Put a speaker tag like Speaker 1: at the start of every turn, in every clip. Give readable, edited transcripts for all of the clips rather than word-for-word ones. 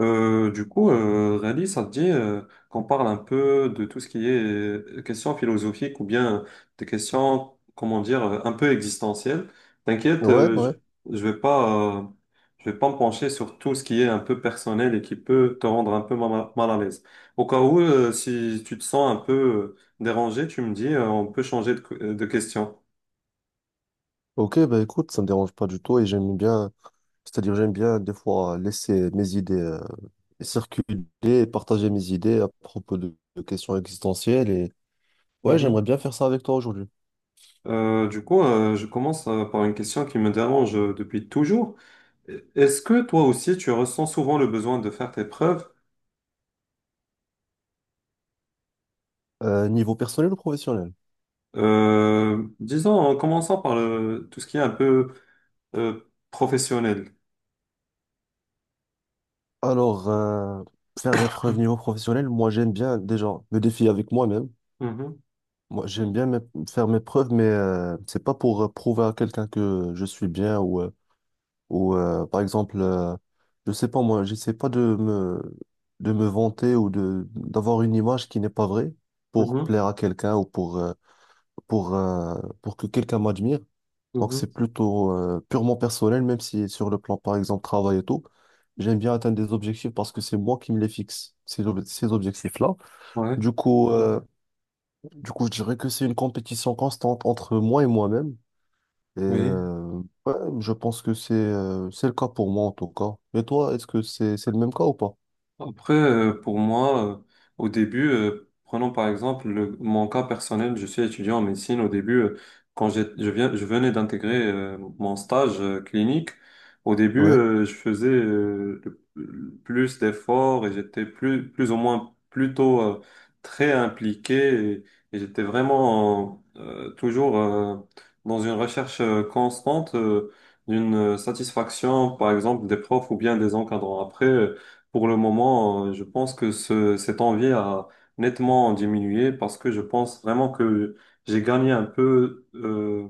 Speaker 1: Rally, ça te dit qu'on parle un peu de tout ce qui est questions philosophiques ou bien des questions, comment dire, un peu existentielles. T'inquiète,
Speaker 2: Ouais, ouais.
Speaker 1: je vais pas, euh, je vais pas me pencher sur tout ce qui est un peu personnel et qui peut te rendre un peu mal à l'aise. Au cas où, si tu te sens un peu dérangé, tu me dis, on peut changer de question.
Speaker 2: Ok, bah écoute, ça me dérange pas du tout et j'aime bien, c'est-à-dire j'aime bien des fois laisser mes idées circuler et partager mes idées à propos de questions existentielles et ouais, j'aimerais
Speaker 1: Mhm.
Speaker 2: bien faire ça avec toi aujourd'hui.
Speaker 1: Je commence par une question qui me dérange depuis toujours. Est-ce que toi aussi tu ressens souvent le besoin de faire tes preuves?
Speaker 2: Niveau personnel ou professionnel?
Speaker 1: Disons en commençant par tout ce qui est un peu euh, professionnel.
Speaker 2: Alors, faire mes preuves niveau professionnel, moi j'aime bien déjà me défier avec moi-même.
Speaker 1: Mhm,
Speaker 2: Moi, faire mes preuves, mais c'est pas pour prouver à quelqu'un que je suis bien ou par exemple, je sais pas moi, j'essaie pas de me vanter ou de d'avoir une image qui n'est pas vraie pour
Speaker 1: mhm,
Speaker 2: plaire à quelqu'un ou pour euh, pour que quelqu'un m'admire. Donc
Speaker 1: mhm.
Speaker 2: c'est plutôt purement personnel, même si sur le plan par exemple travail et tout, j'aime bien atteindre des objectifs parce que c'est moi qui me les fixe ces objectifs-là.
Speaker 1: Ouais,
Speaker 2: Du coup, euh, du coup, je dirais que c'est une compétition constante entre moi et moi-même et
Speaker 1: oui.
Speaker 2: ouais, je pense que c'est le cas pour moi en tout cas. Et toi, est-ce que c'est le même cas ou pas?
Speaker 1: Après, pour moi, au début, prenons par exemple mon cas personnel, je suis étudiant en médecine. Au début, quand je venais d'intégrer mon stage clinique, au début,
Speaker 2: Ouais,
Speaker 1: je faisais plus d'efforts et j'étais plus ou moins plutôt très impliqué et, et j'étais vraiment toujours dans une recherche constante d'une satisfaction, par exemple, des profs ou bien des encadrants. Après, pour le moment, je pense que cette envie a nettement diminué parce que je pense vraiment que j'ai gagné un peu.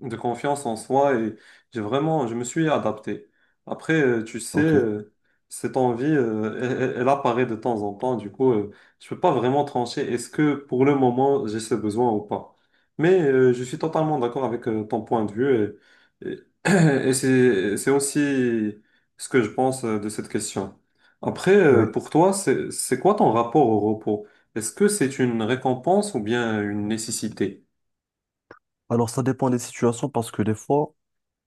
Speaker 1: De confiance en soi et je me suis adapté. Après, tu sais,
Speaker 2: ok.
Speaker 1: cette envie, elle apparaît de temps en temps. Du coup, je peux pas vraiment trancher est-ce que pour le moment j'ai ce besoin ou pas. Mais je suis totalement d'accord avec ton point de vue et et c'est aussi ce que je pense de cette question. Après,
Speaker 2: Ouais.
Speaker 1: pour toi, c'est quoi ton rapport au repos? Est-ce que c'est une récompense ou bien une nécessité?
Speaker 2: Alors ça dépend des situations parce que des fois,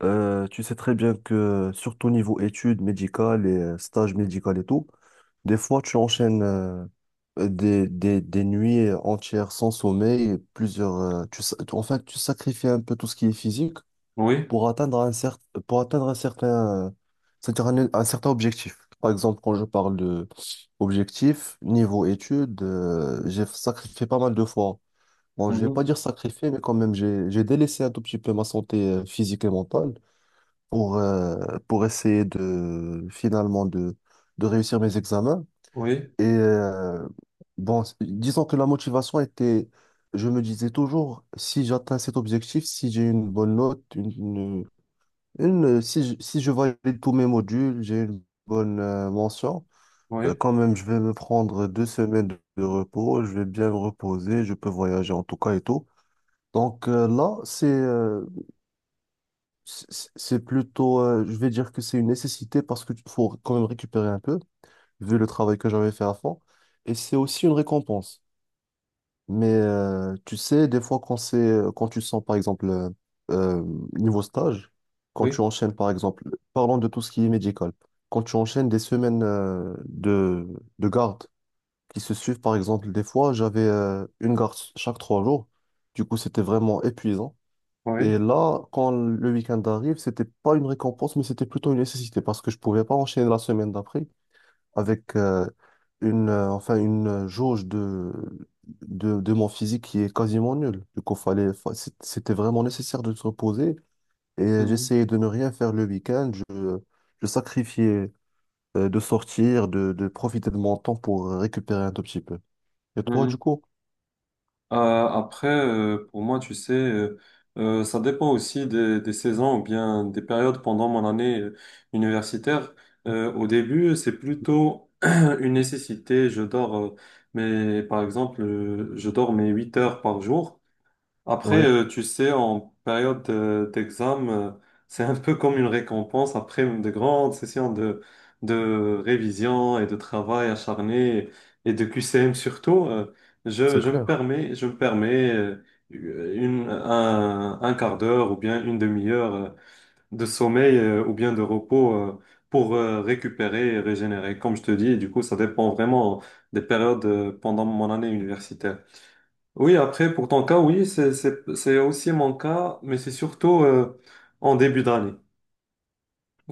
Speaker 2: tu sais très bien que surtout niveau études médicales et stages médicaux et tout, des fois tu enchaînes des nuits entières sans sommeil, et plusieurs, en fait tu sacrifies un peu tout ce qui est physique
Speaker 1: Oui.
Speaker 2: pour atteindre un certain pour atteindre un certain, c'est-à-dire un certain objectif. Par exemple, quand je parle de objectif, niveau études, j'ai sacrifié pas mal de fois. Bon, je vais pas
Speaker 1: Mhm.
Speaker 2: dire sacrifié, mais quand même, j'ai délaissé un tout petit peu ma santé physique et mentale pour, euh, pour essayer de, finalement, de réussir mes examens.
Speaker 1: Oui,
Speaker 2: Et bon, c- disons que la motivation était, je me disais toujours, si j'atteins cet objectif, si j'ai une bonne note, une, si je, si je valide tous mes modules, j'ai une bonne mention. Euh,
Speaker 1: oui.
Speaker 2: Quand même, je vais me prendre 2 semaines de repos. Je vais bien me reposer. Je peux voyager en tout cas et tout. Donc là, c'est plutôt, je vais dire que c'est une nécessité parce qu'il faut quand même récupérer un peu, vu le travail que j'avais fait à fond. Et c'est aussi une récompense. Mais tu sais, des fois, quand tu sens, par exemple, euh, niveau stage, quand tu
Speaker 1: Oui,
Speaker 2: enchaînes, par exemple, parlons de tout ce qui est médical, quand tu enchaînes des semaines de garde qui se suivent, par exemple, des fois, j'avais une garde chaque 3 jours. Du coup, c'était vraiment épuisant. Et
Speaker 1: oui.
Speaker 2: là, quand le week-end arrive, c'était pas une récompense, mais c'était plutôt une nécessité parce que je pouvais pas enchaîner la semaine d'après avec une jauge de mon physique qui est quasiment nulle. Du coup, c'était vraiment nécessaire de se reposer et
Speaker 1: Mhm,
Speaker 2: j'essayais de ne rien faire le week-end. Je sacrifiais de sortir, de profiter de mon temps pour récupérer un tout petit peu. Et toi, du
Speaker 1: mhm.
Speaker 2: coup?
Speaker 1: Après, pour moi, tu sais, ça dépend aussi des saisons ou bien des périodes pendant mon année universitaire. Au début, c'est plutôt une nécessité. Je dors, mais par exemple, je dors mes 8 heures par jour. Après,
Speaker 2: Ouais,
Speaker 1: tu sais, en période d'examen, c'est un peu comme une récompense après de grandes sessions de révision et de travail acharné et de QCM surtout.
Speaker 2: c'est clair.
Speaker 1: Je me permets un quart d'heure ou bien une demi-heure de sommeil ou bien de repos pour récupérer et régénérer, comme je te dis. Et du coup, ça dépend vraiment des périodes pendant mon année universitaire. Oui, après, pour ton cas, oui, c'est aussi mon cas, mais c'est surtout en début d'année.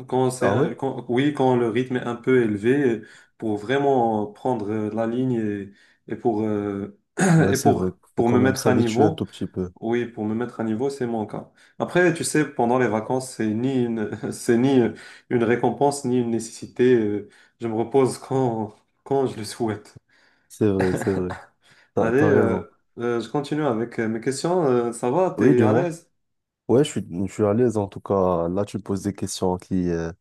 Speaker 1: Quand
Speaker 2: Ah ouais?
Speaker 1: oui, quand le rythme est un peu élevé, pour vraiment prendre la ligne et pour,
Speaker 2: Ouais,
Speaker 1: et
Speaker 2: c'est vrai. Faut
Speaker 1: pour
Speaker 2: quand
Speaker 1: me
Speaker 2: même
Speaker 1: mettre à
Speaker 2: s'habituer un
Speaker 1: niveau,
Speaker 2: tout petit peu.
Speaker 1: oui, pour me mettre à niveau, c'est mon cas. Après, tu sais, pendant les vacances, c'est ni une, c'est ni une récompense, ni une nécessité. Je me repose quand je le souhaite.
Speaker 2: C'est vrai, c'est vrai.
Speaker 1: Allez,
Speaker 2: T'as raison.
Speaker 1: je continue avec mes questions. Ça va,
Speaker 2: Oui,
Speaker 1: t'es à
Speaker 2: dis-moi.
Speaker 1: l'aise?
Speaker 2: Ouais, je suis à l'aise en tout cas. Là, tu me poses des questions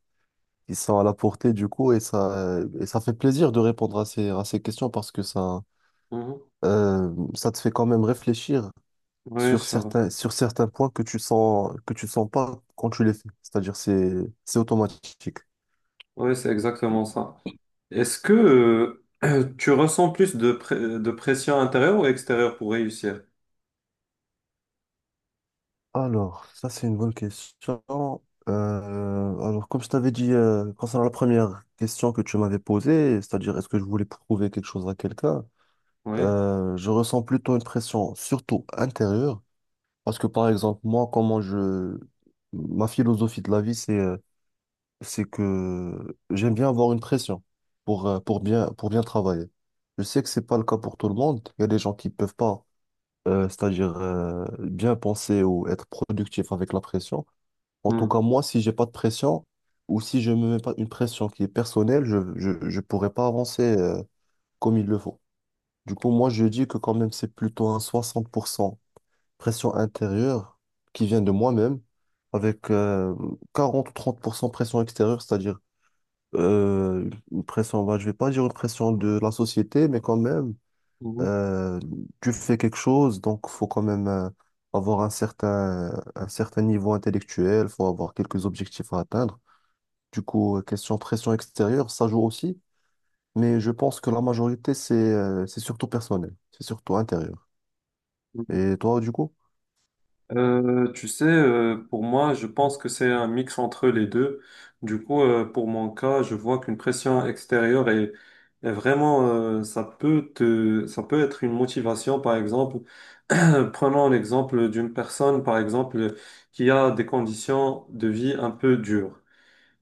Speaker 2: qui sont à la portée du coup et ça fait plaisir de répondre à à ces questions parce que ça,
Speaker 1: Mhm.
Speaker 2: ça te fait quand même réfléchir
Speaker 1: Oui,
Speaker 2: sur
Speaker 1: ça va.
Speaker 2: sur certains points que tu sens pas quand tu les fais. C'est-à-dire, c'est automatique.
Speaker 1: Oui, c'est exactement ça. Est-ce que tu ressens plus de pression intérieure ou extérieure pour réussir?
Speaker 2: Alors, ça c'est une bonne question. Alors, comme je t'avais dit concernant la première question que tu m'avais posée, c'est-à-dire est-ce que je voulais prouver quelque chose à quelqu'un,
Speaker 1: Oui.
Speaker 2: je ressens plutôt une pression, surtout intérieure, parce que par exemple, ma philosophie de la vie, c'est que j'aime bien avoir une pression pour, pour bien travailler. Je sais que c'est pas le cas pour tout le monde. Il y a des gens qui peuvent pas, c'est-à-dire bien penser ou être productif avec la pression. En tout
Speaker 1: Mhm.
Speaker 2: cas, moi, si j'ai pas de pression ou si je me mets pas une pression qui est personnelle, je pourrais pas avancer comme il le faut. Du coup, moi, je dis que quand même, c'est plutôt un 60% pression intérieure qui vient de moi-même avec 40% ou 30% pression extérieure, c'est-à-dire une pression, bah, je vais pas dire une pression de la société, mais quand même,
Speaker 1: Mhm.
Speaker 2: euh, tu fais quelque chose, donc faut quand même avoir un certain niveau intellectuel, faut avoir quelques objectifs à atteindre. Du coup, question pression extérieure, ça joue aussi, mais je pense que la majorité, c'est surtout personnel, c'est surtout intérieur. Et toi, du coup?
Speaker 1: Tu sais, pour moi, je pense que c'est un mix entre les deux. Du coup, pour mon cas, je vois qu'une pression extérieure est vraiment, ça peut te, ça peut être une motivation, par exemple, prenons l'exemple d'une personne, par exemple, qui a des conditions de vie un peu dures.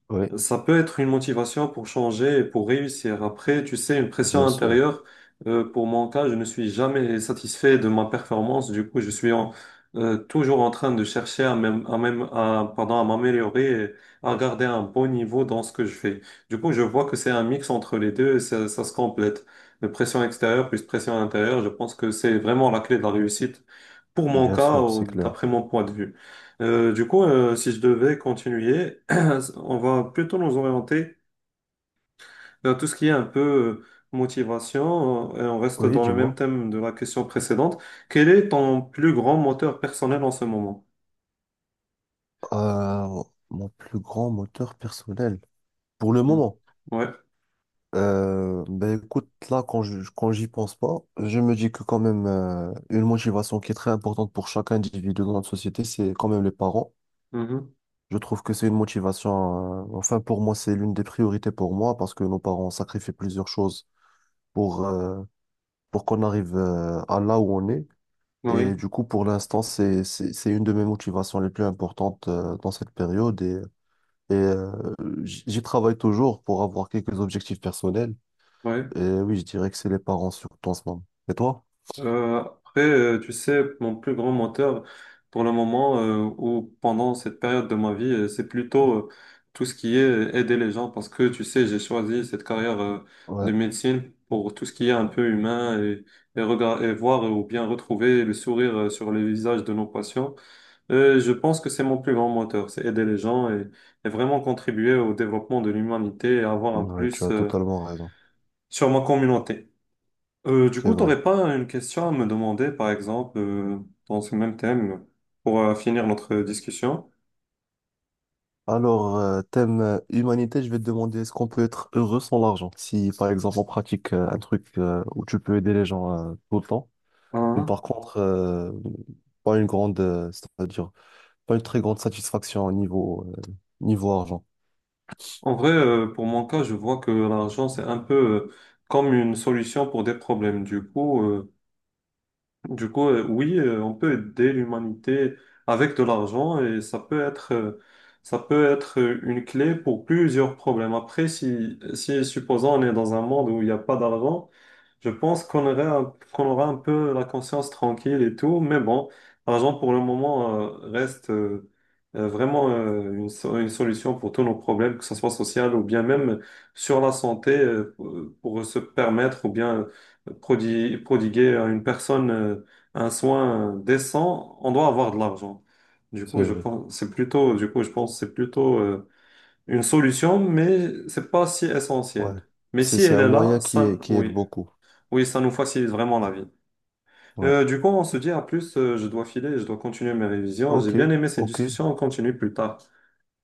Speaker 2: Oui,
Speaker 1: Ça peut être une motivation pour changer et pour réussir. Après, tu sais, une pression
Speaker 2: bien sûr,
Speaker 1: intérieure, pour mon cas, je ne suis jamais satisfait de ma performance. Du coup, je suis toujours en train de chercher à, pardon, à m'améliorer et à garder un bon niveau dans ce que je fais. Du coup, je vois que c'est un mix entre les deux et ça se complète. Le pression extérieure plus pression intérieure, je pense que c'est vraiment la clé de la réussite pour mon
Speaker 2: bien
Speaker 1: cas,
Speaker 2: sûr, c'est
Speaker 1: d'après
Speaker 2: clair.
Speaker 1: mon point de vue. Si je devais continuer, on va plutôt nous orienter vers tout ce qui est un peu motivation, et on reste
Speaker 2: Oui,
Speaker 1: dans le même
Speaker 2: dis-moi.
Speaker 1: thème de la question précédente. Quel est ton plus grand moteur personnel en ce moment?
Speaker 2: Euh, Mon plus grand moteur personnel, pour le
Speaker 1: Hmm.
Speaker 2: moment,
Speaker 1: Ouais.
Speaker 2: ben écoute, là, quand j'y pense pas, je me dis que quand même, une motivation qui est très importante pour chaque individu dans notre société, c'est quand même les parents.
Speaker 1: Mhm.
Speaker 2: Je trouve que c'est une motivation. Enfin, pour moi, c'est l'une des priorités pour moi parce que nos parents ont sacrifié plusieurs choses pour, euh, pour qu'on arrive à là où on est. Et
Speaker 1: Oui.
Speaker 2: du coup, pour l'instant, c'est une de mes motivations les plus importantes dans cette période. Et euh, j'y travaille toujours pour avoir quelques objectifs personnels.
Speaker 1: Oui.
Speaker 2: Et oui, je dirais que c'est les parents surtout en ce moment. Et toi?
Speaker 1: Après, tu sais, mon plus grand moteur pour le moment ou pendant cette période de ma vie, c'est plutôt tout ce qui est aider les gens parce que, tu sais, j'ai choisi cette carrière
Speaker 2: Ouais,
Speaker 1: de médecine pour tout ce qui est un peu humain et et voir ou bien retrouver le sourire sur les visages de nos patients. Je pense que c'est mon plus grand moteur, c'est aider les gens et vraiment contribuer au développement de l'humanité et avoir un
Speaker 2: ouais, tu
Speaker 1: plus
Speaker 2: as totalement raison.
Speaker 1: sur ma communauté.
Speaker 2: C'est vrai.
Speaker 1: T'aurais pas une question à me demander, par exemple, dans ce même thème, pour finir notre discussion?
Speaker 2: Alors, thème humanité, je vais te demander est-ce qu'on peut être heureux sans l'argent? Si par exemple on pratique un truc où tu peux aider les gens tout le temps, mais
Speaker 1: Hein.
Speaker 2: par contre pas une grande, c'est-à-dire pas une très grande satisfaction au niveau niveau argent.
Speaker 1: En vrai, pour mon cas, je vois que l'argent, c'est un peu euh, comme une solution pour des problèmes. Du coup, oui, on peut aider l'humanité avec de l'argent et ça peut être une clé pour plusieurs problèmes. Après, si supposons on est dans un monde où il n'y a pas d'argent, je pense qu'on aura un peu la conscience tranquille et tout. Mais bon, l'argent pour le moment, reste, vraiment, une solution pour tous nos problèmes, que ce soit social ou bien même sur la santé, pour se permettre ou bien prodiguer à une personne, un soin décent, on doit avoir de l'argent. Du
Speaker 2: C'est
Speaker 1: coup, je
Speaker 2: vrai.
Speaker 1: pense, c'est plutôt, du coup, je pense que c'est plutôt une solution, mais c'est pas si
Speaker 2: Ouais.
Speaker 1: essentiel. Mais
Speaker 2: C'est
Speaker 1: si
Speaker 2: c'est
Speaker 1: elle
Speaker 2: un
Speaker 1: est là,
Speaker 2: moyen qui
Speaker 1: ça,
Speaker 2: est, qui aide
Speaker 1: oui,
Speaker 2: beaucoup.
Speaker 1: oui, ça nous facilite vraiment la vie.
Speaker 2: Ouais.
Speaker 1: Du coup, on se dit à plus. Je dois filer, je dois continuer mes révisions.
Speaker 2: Ok,
Speaker 1: J'ai bien aimé cette
Speaker 2: ok,
Speaker 1: discussion. On continue plus tard.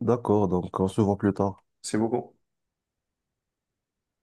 Speaker 2: d'accord. Donc on se voit plus tard.
Speaker 1: C'est beaucoup.